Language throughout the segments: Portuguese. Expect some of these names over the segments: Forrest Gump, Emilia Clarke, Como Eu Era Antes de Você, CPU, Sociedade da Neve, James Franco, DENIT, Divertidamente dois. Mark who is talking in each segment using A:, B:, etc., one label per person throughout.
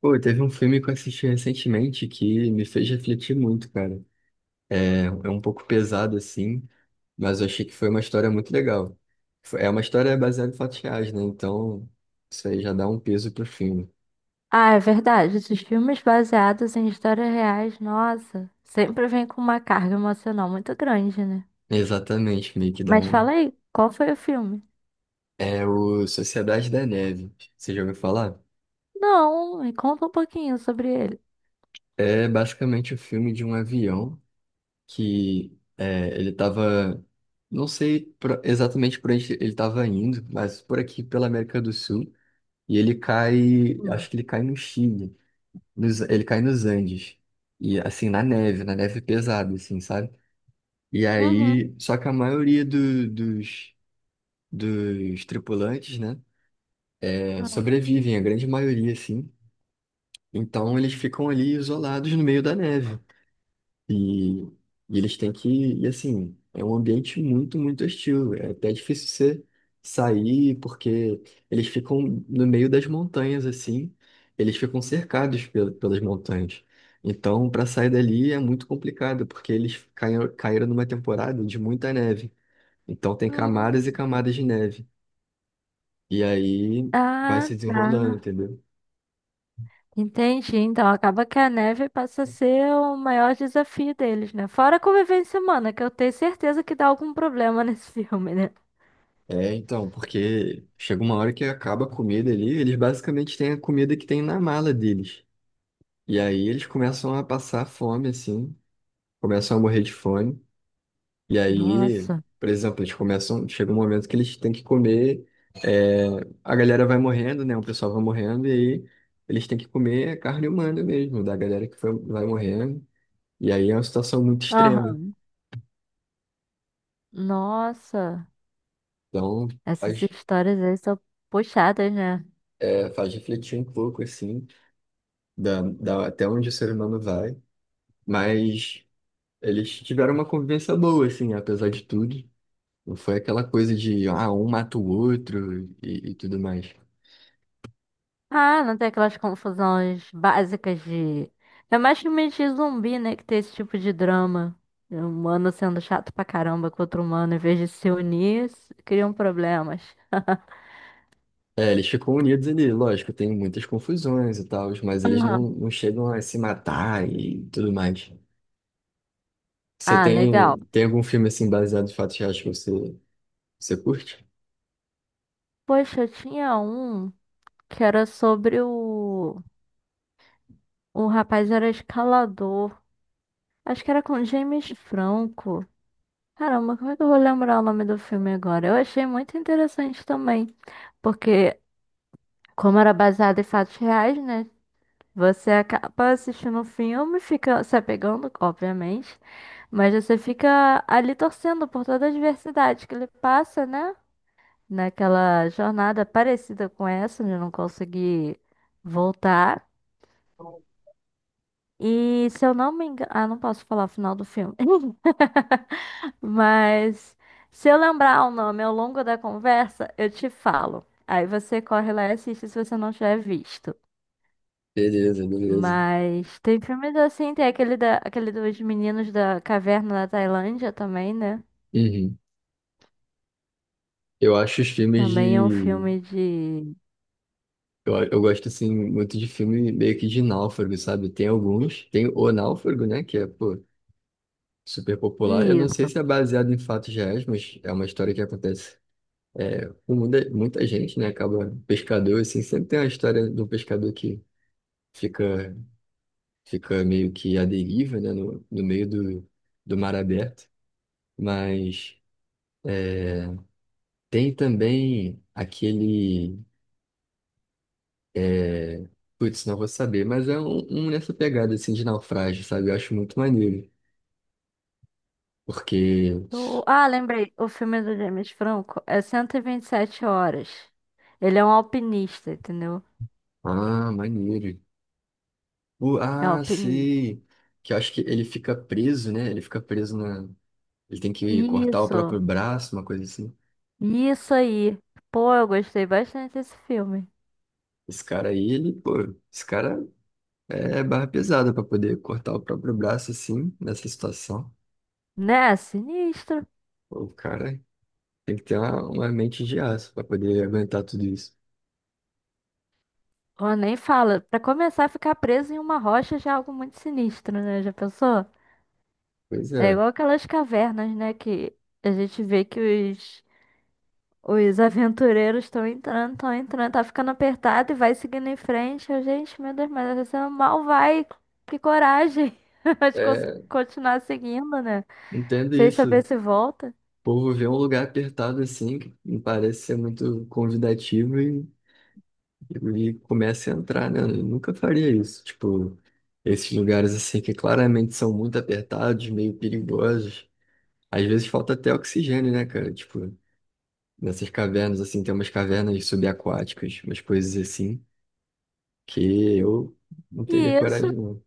A: Pô, teve um filme que eu assisti recentemente que me fez refletir muito, cara. É um pouco pesado assim, mas eu achei que foi uma história muito legal. É uma história baseada em fatos reais, né? Então, isso aí já dá um peso pro filme.
B: Ah, é verdade. Esses filmes baseados em histórias reais, nossa, sempre vem com uma carga emocional muito grande, né?
A: Exatamente, meio que dá
B: Mas
A: um.
B: fala aí, qual foi o filme?
A: É o Sociedade da Neve. Você já ouviu falar?
B: Não, me conta um pouquinho sobre ele.
A: É basicamente o filme de um avião que é, ele tava. Não sei exatamente por onde ele estava indo, mas por aqui, pela América do Sul. E ele cai,
B: Hum.
A: acho que ele cai no Chile, ele cai nos Andes. E assim, na neve pesada, assim, sabe? E
B: Uhum.
A: aí, só que a maioria dos, dos tripulantes, né, é,
B: Ah.
A: sobrevivem, a grande maioria, assim. Então eles ficam ali isolados no meio da neve. E, e eles têm que, e assim, é um ambiente muito, muito hostil. É até difícil você sair, porque eles ficam no meio das montanhas, assim, eles ficam cercados pelas montanhas. Então, para sair dali é muito complicado, porque eles caíram, caíram numa temporada de muita neve. Então, tem camadas e
B: Hum.
A: camadas de neve. E aí vai
B: Ah,
A: se
B: tá.
A: desenrolando, entendeu?
B: Entendi. Então acaba que a neve passa a ser o maior desafio deles, né? Fora a convivência humana, que eu tenho certeza que dá algum problema nesse filme, né?
A: É, então, porque chega uma hora que acaba a comida ali, eles basicamente têm a comida que tem na mala deles. E aí eles começam a passar fome, assim, começam a morrer de fome. E aí,
B: Nossa.
A: por exemplo, eles começam, chega um momento que eles têm que comer, é, a galera vai morrendo, né? O pessoal vai morrendo, e aí eles têm que comer carne humana mesmo, da galera que vai morrendo. E aí é uma situação muito extrema.
B: Aham. Nossa.
A: Então,
B: Essas
A: faz,
B: histórias aí são puxadas, né?
A: é, faz refletir um pouco, assim, da, até onde o ser humano vai. Mas eles tiveram uma convivência boa, assim, apesar de tudo. Não foi aquela coisa de, ah, um mata o outro e tudo mais.
B: Ah, não tem aquelas confusões básicas de. É mais filmes de zumbi, né? Que tem esse tipo de drama. É um humano sendo chato pra caramba com outro humano, em vez de se unir, criam problemas.
A: É, eles ficam unidos ali, lógico, tem muitas confusões e tal, mas eles não,
B: Aham.
A: não chegam a se matar e tudo mais. Você
B: Ah,
A: tem,
B: legal.
A: tem algum filme assim baseado em fatos reais que você, você curte?
B: Poxa, eu tinha um que era sobre o. O rapaz era escalador. Acho que era com James Franco. Caramba, como é que eu vou lembrar o nome do filme agora? Eu achei muito interessante também. Porque como era baseado em fatos reais, né? Você acaba assistindo um filme, fica se apegando, obviamente, mas você fica ali torcendo por toda a diversidade que ele passa, né? Naquela jornada parecida com essa, de não conseguir voltar. E se eu não me engano. Ah, não posso falar o final do filme. Mas se eu lembrar o nome ao longo da conversa, eu te falo. Aí você corre lá e assiste se você não tiver visto.
A: Beleza, beleza.
B: Mas tem filmes assim, tem aquele, da, aquele dos meninos da caverna na Tailândia também, né?
A: Uhum. Eu acho os filmes
B: Também é um
A: de.
B: filme de.
A: Eu gosto assim muito de filme meio que de náufrago, sabe? Tem alguns. Tem O Náufrago, né? Que é, pô, super popular. Eu não sei
B: Isso.
A: se é baseado em fatos reais, mas é uma história que acontece. É, muita, muita gente, né, acaba pescador, assim, sempre tem a história do pescador que fica, fica meio que à deriva, né, no, no meio do, do mar aberto, mas tem também aquele, é, putz, não vou saber, mas é um, um nessa pegada, assim, de naufrágio, sabe, eu acho muito maneiro, porque,
B: O- ah, lembrei. O filme do James Franco é cento e vinte e sete horas. Ele é um alpinista, entendeu?
A: ah, maneiro. O-
B: É
A: ah,
B: alpinista.
A: sei, que eu acho que ele fica preso, né, ele fica preso na, ele tem que cortar o próprio
B: Isso.
A: braço, uma coisa assim.
B: Isso aí. Pô, eu gostei bastante desse filme.
A: Esse cara aí, ele, pô, esse cara é barra pesada pra poder cortar o próprio braço assim, nessa situação.
B: Né? Sinistro.
A: Pô, o cara tem que ter uma mente de aço pra poder aguentar tudo isso.
B: Pô, nem fala. Pra começar a ficar preso em uma rocha já é algo muito sinistro, né? Já pensou?
A: Pois
B: É
A: é,
B: igual aquelas cavernas, né? Que a gente vê que os, os aventureiros estão entrando, tá ficando apertado e vai seguindo em frente. Eu, gente, meu Deus, mas você mal vai. Que coragem de
A: é,
B: continuar seguindo, né?
A: entendo
B: Sem saber
A: isso.
B: se volta.
A: O povo vê um lugar apertado assim, que não parece ser muito convidativo e começa a entrar, né? Eu nunca faria isso. Tipo, esses lugares assim que claramente são muito apertados, meio perigosos. Às vezes falta até oxigênio, né, cara? Tipo. Nessas cavernas, assim, tem umas cavernas subaquáticas, umas coisas assim, que eu não teria
B: E isso.
A: coragem, não.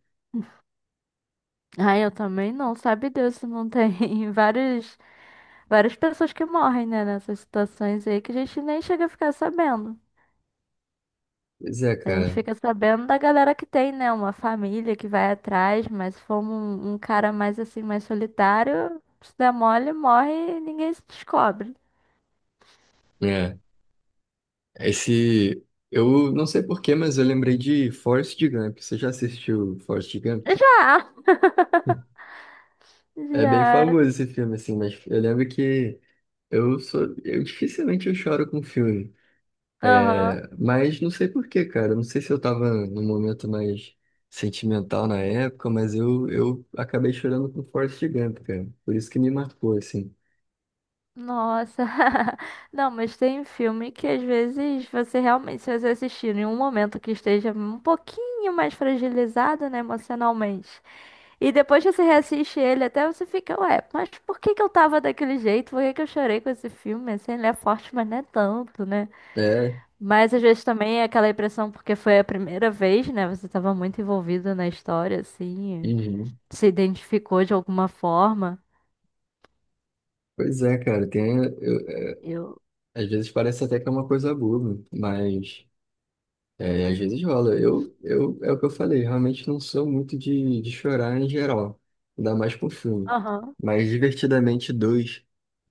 B: Ah, eu também não, sabe Deus, não tem várias pessoas que morrem, né, nessas situações aí que a gente nem chega a ficar sabendo.
A: Pois é,
B: A gente
A: cara.
B: fica sabendo da galera que tem, né? Uma família que vai atrás, mas se for um cara mais assim, mais solitário, se der mole, morre e ninguém se descobre.
A: É, esse... Eu não sei porquê, mas eu lembrei de Forrest Gump. Você já assistiu Forrest Gump?
B: Já!
A: É bem
B: Já.
A: famoso esse filme, assim, mas eu lembro que eu sou... Eu dificilmente eu choro com filme.
B: Aham.
A: É, mas não sei por quê, cara. Não sei se eu tava num momento mais sentimental na época, mas eu acabei chorando com Forrest Gump, cara. Por isso que me marcou, assim.
B: Nossa. Não, mas tem filme que às vezes você realmente, se você assistir em um momento que esteja um pouquinho mais fragilizado, né, emocionalmente. E depois que você reassiste ele, até você fica, ué, mas por que que eu tava daquele jeito? Por que que eu chorei com esse filme? Assim, ele é forte, mas não é tanto, né?
A: É,
B: Mas às vezes também é aquela impressão porque foi a primeira vez, né? Você tava muito envolvido na história, assim,
A: uhum.
B: se identificou de alguma forma.
A: Pois é, cara. Tem, é,
B: Eu.
A: às vezes parece até que é uma coisa boba, mas é, às vezes rola. Eu, é o que eu falei, realmente não sou muito de chorar em geral, ainda mais com filme.
B: Aham.
A: Mas Divertidamente dois.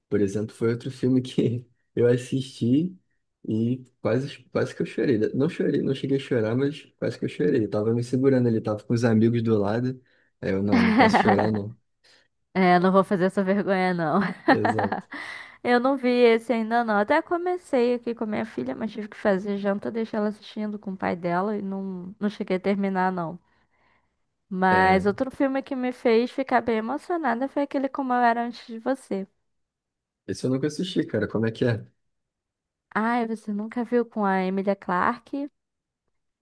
A: Por exemplo, foi outro filme que eu assisti e quase, quase que eu chorei. Não chorei, não cheguei a chorar, mas quase que eu chorei. Eu tava me segurando ali, tava com os amigos do lado. Aí eu, não, não posso chorar, não.
B: É, não vou fazer essa vergonha, não.
A: Exato.
B: Eu não vi esse ainda, não. Até comecei aqui com a minha filha, mas tive que fazer janta, deixei ela assistindo com o pai dela e não, não cheguei a terminar, não.
A: É,
B: Mas outro filme que me fez ficar bem emocionada foi aquele Como Eu Era Antes de Você.
A: esse eu nunca assisti, cara. Como é que é?
B: Ai, você nunca viu com a Emilia Clarke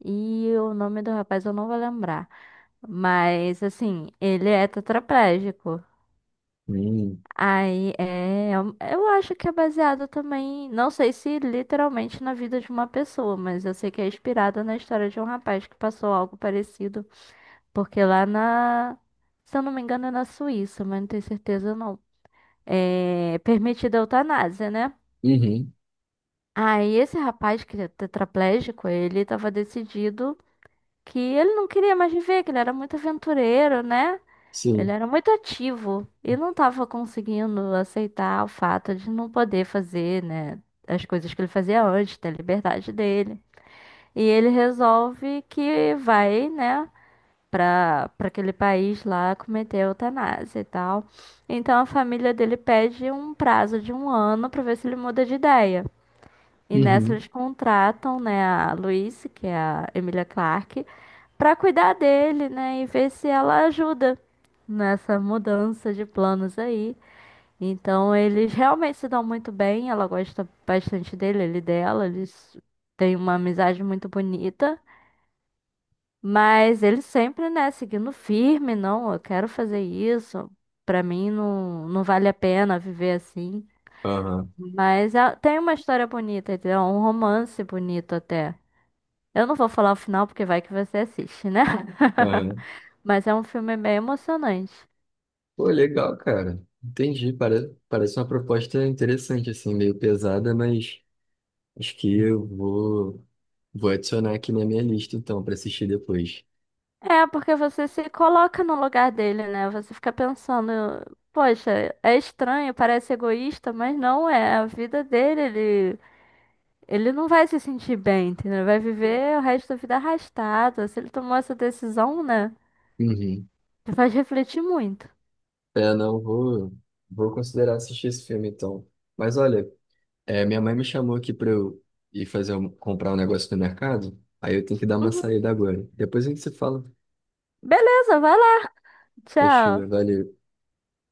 B: e o nome do rapaz eu não vou lembrar. Mas, assim, ele é tetraplégico.
A: Hum,
B: Aí, é, eu acho que é baseado também, não sei se literalmente na vida de uma pessoa, mas eu sei que é inspirada na história de um rapaz que passou algo parecido. Porque lá na, se eu não me engano, é na Suíça, mas não tenho certeza não. É permitida a eutanásia, né?
A: uhum,
B: Aí esse rapaz que é tetraplégico, ele estava decidido que ele não queria mais viver, que ele era muito aventureiro, né? Ele
A: sim,
B: era muito ativo e não estava conseguindo aceitar o fato de não poder fazer, né, as coisas que ele fazia antes, ter liberdade dele. E ele resolve que vai, né, para aquele país lá cometer eutanásia e tal. Então a família dele pede um prazo de 1 ano para ver se ele muda de ideia. E nessa
A: uhum,
B: eles contratam, né, a Louise, que é a Emilia Clarke, para cuidar dele, né, e ver se ela ajuda nessa mudança de planos aí. Então eles realmente se dão muito bem, ela gosta bastante dele, ele dela, eles têm uma amizade muito bonita. Mas ele sempre, né, seguindo firme, não, eu quero fazer isso. Pra mim não, não vale a pena viver assim.
A: aham,
B: Mas é- tem uma história bonita, entendeu? Um romance bonito até. Eu não vou falar o final porque vai que você assiste, né?
A: aham.
B: Mas é um filme bem emocionante.
A: Pô, legal, cara. Entendi. Parece, parece uma proposta interessante, assim, meio pesada, mas acho que eu vou, vou adicionar aqui na minha lista, então, pra assistir depois.
B: É, porque você se coloca no lugar dele, né? Você fica pensando, poxa, é estranho, parece egoísta, mas não é a vida dele, ele não vai se sentir bem, entendeu? Ele vai viver o resto da vida arrastado. Se ele tomou essa decisão, né?
A: Uhum.
B: Te faz refletir muito.
A: É, não, vou, vou considerar assistir esse filme então. Mas olha, é, minha mãe me chamou aqui para eu ir comprar um negócio no mercado, aí eu tenho que dar uma
B: Uhum.
A: saída agora. Depois a gente se fala.
B: Beleza, vai lá.
A: Fechou,
B: Tchau.
A: valeu.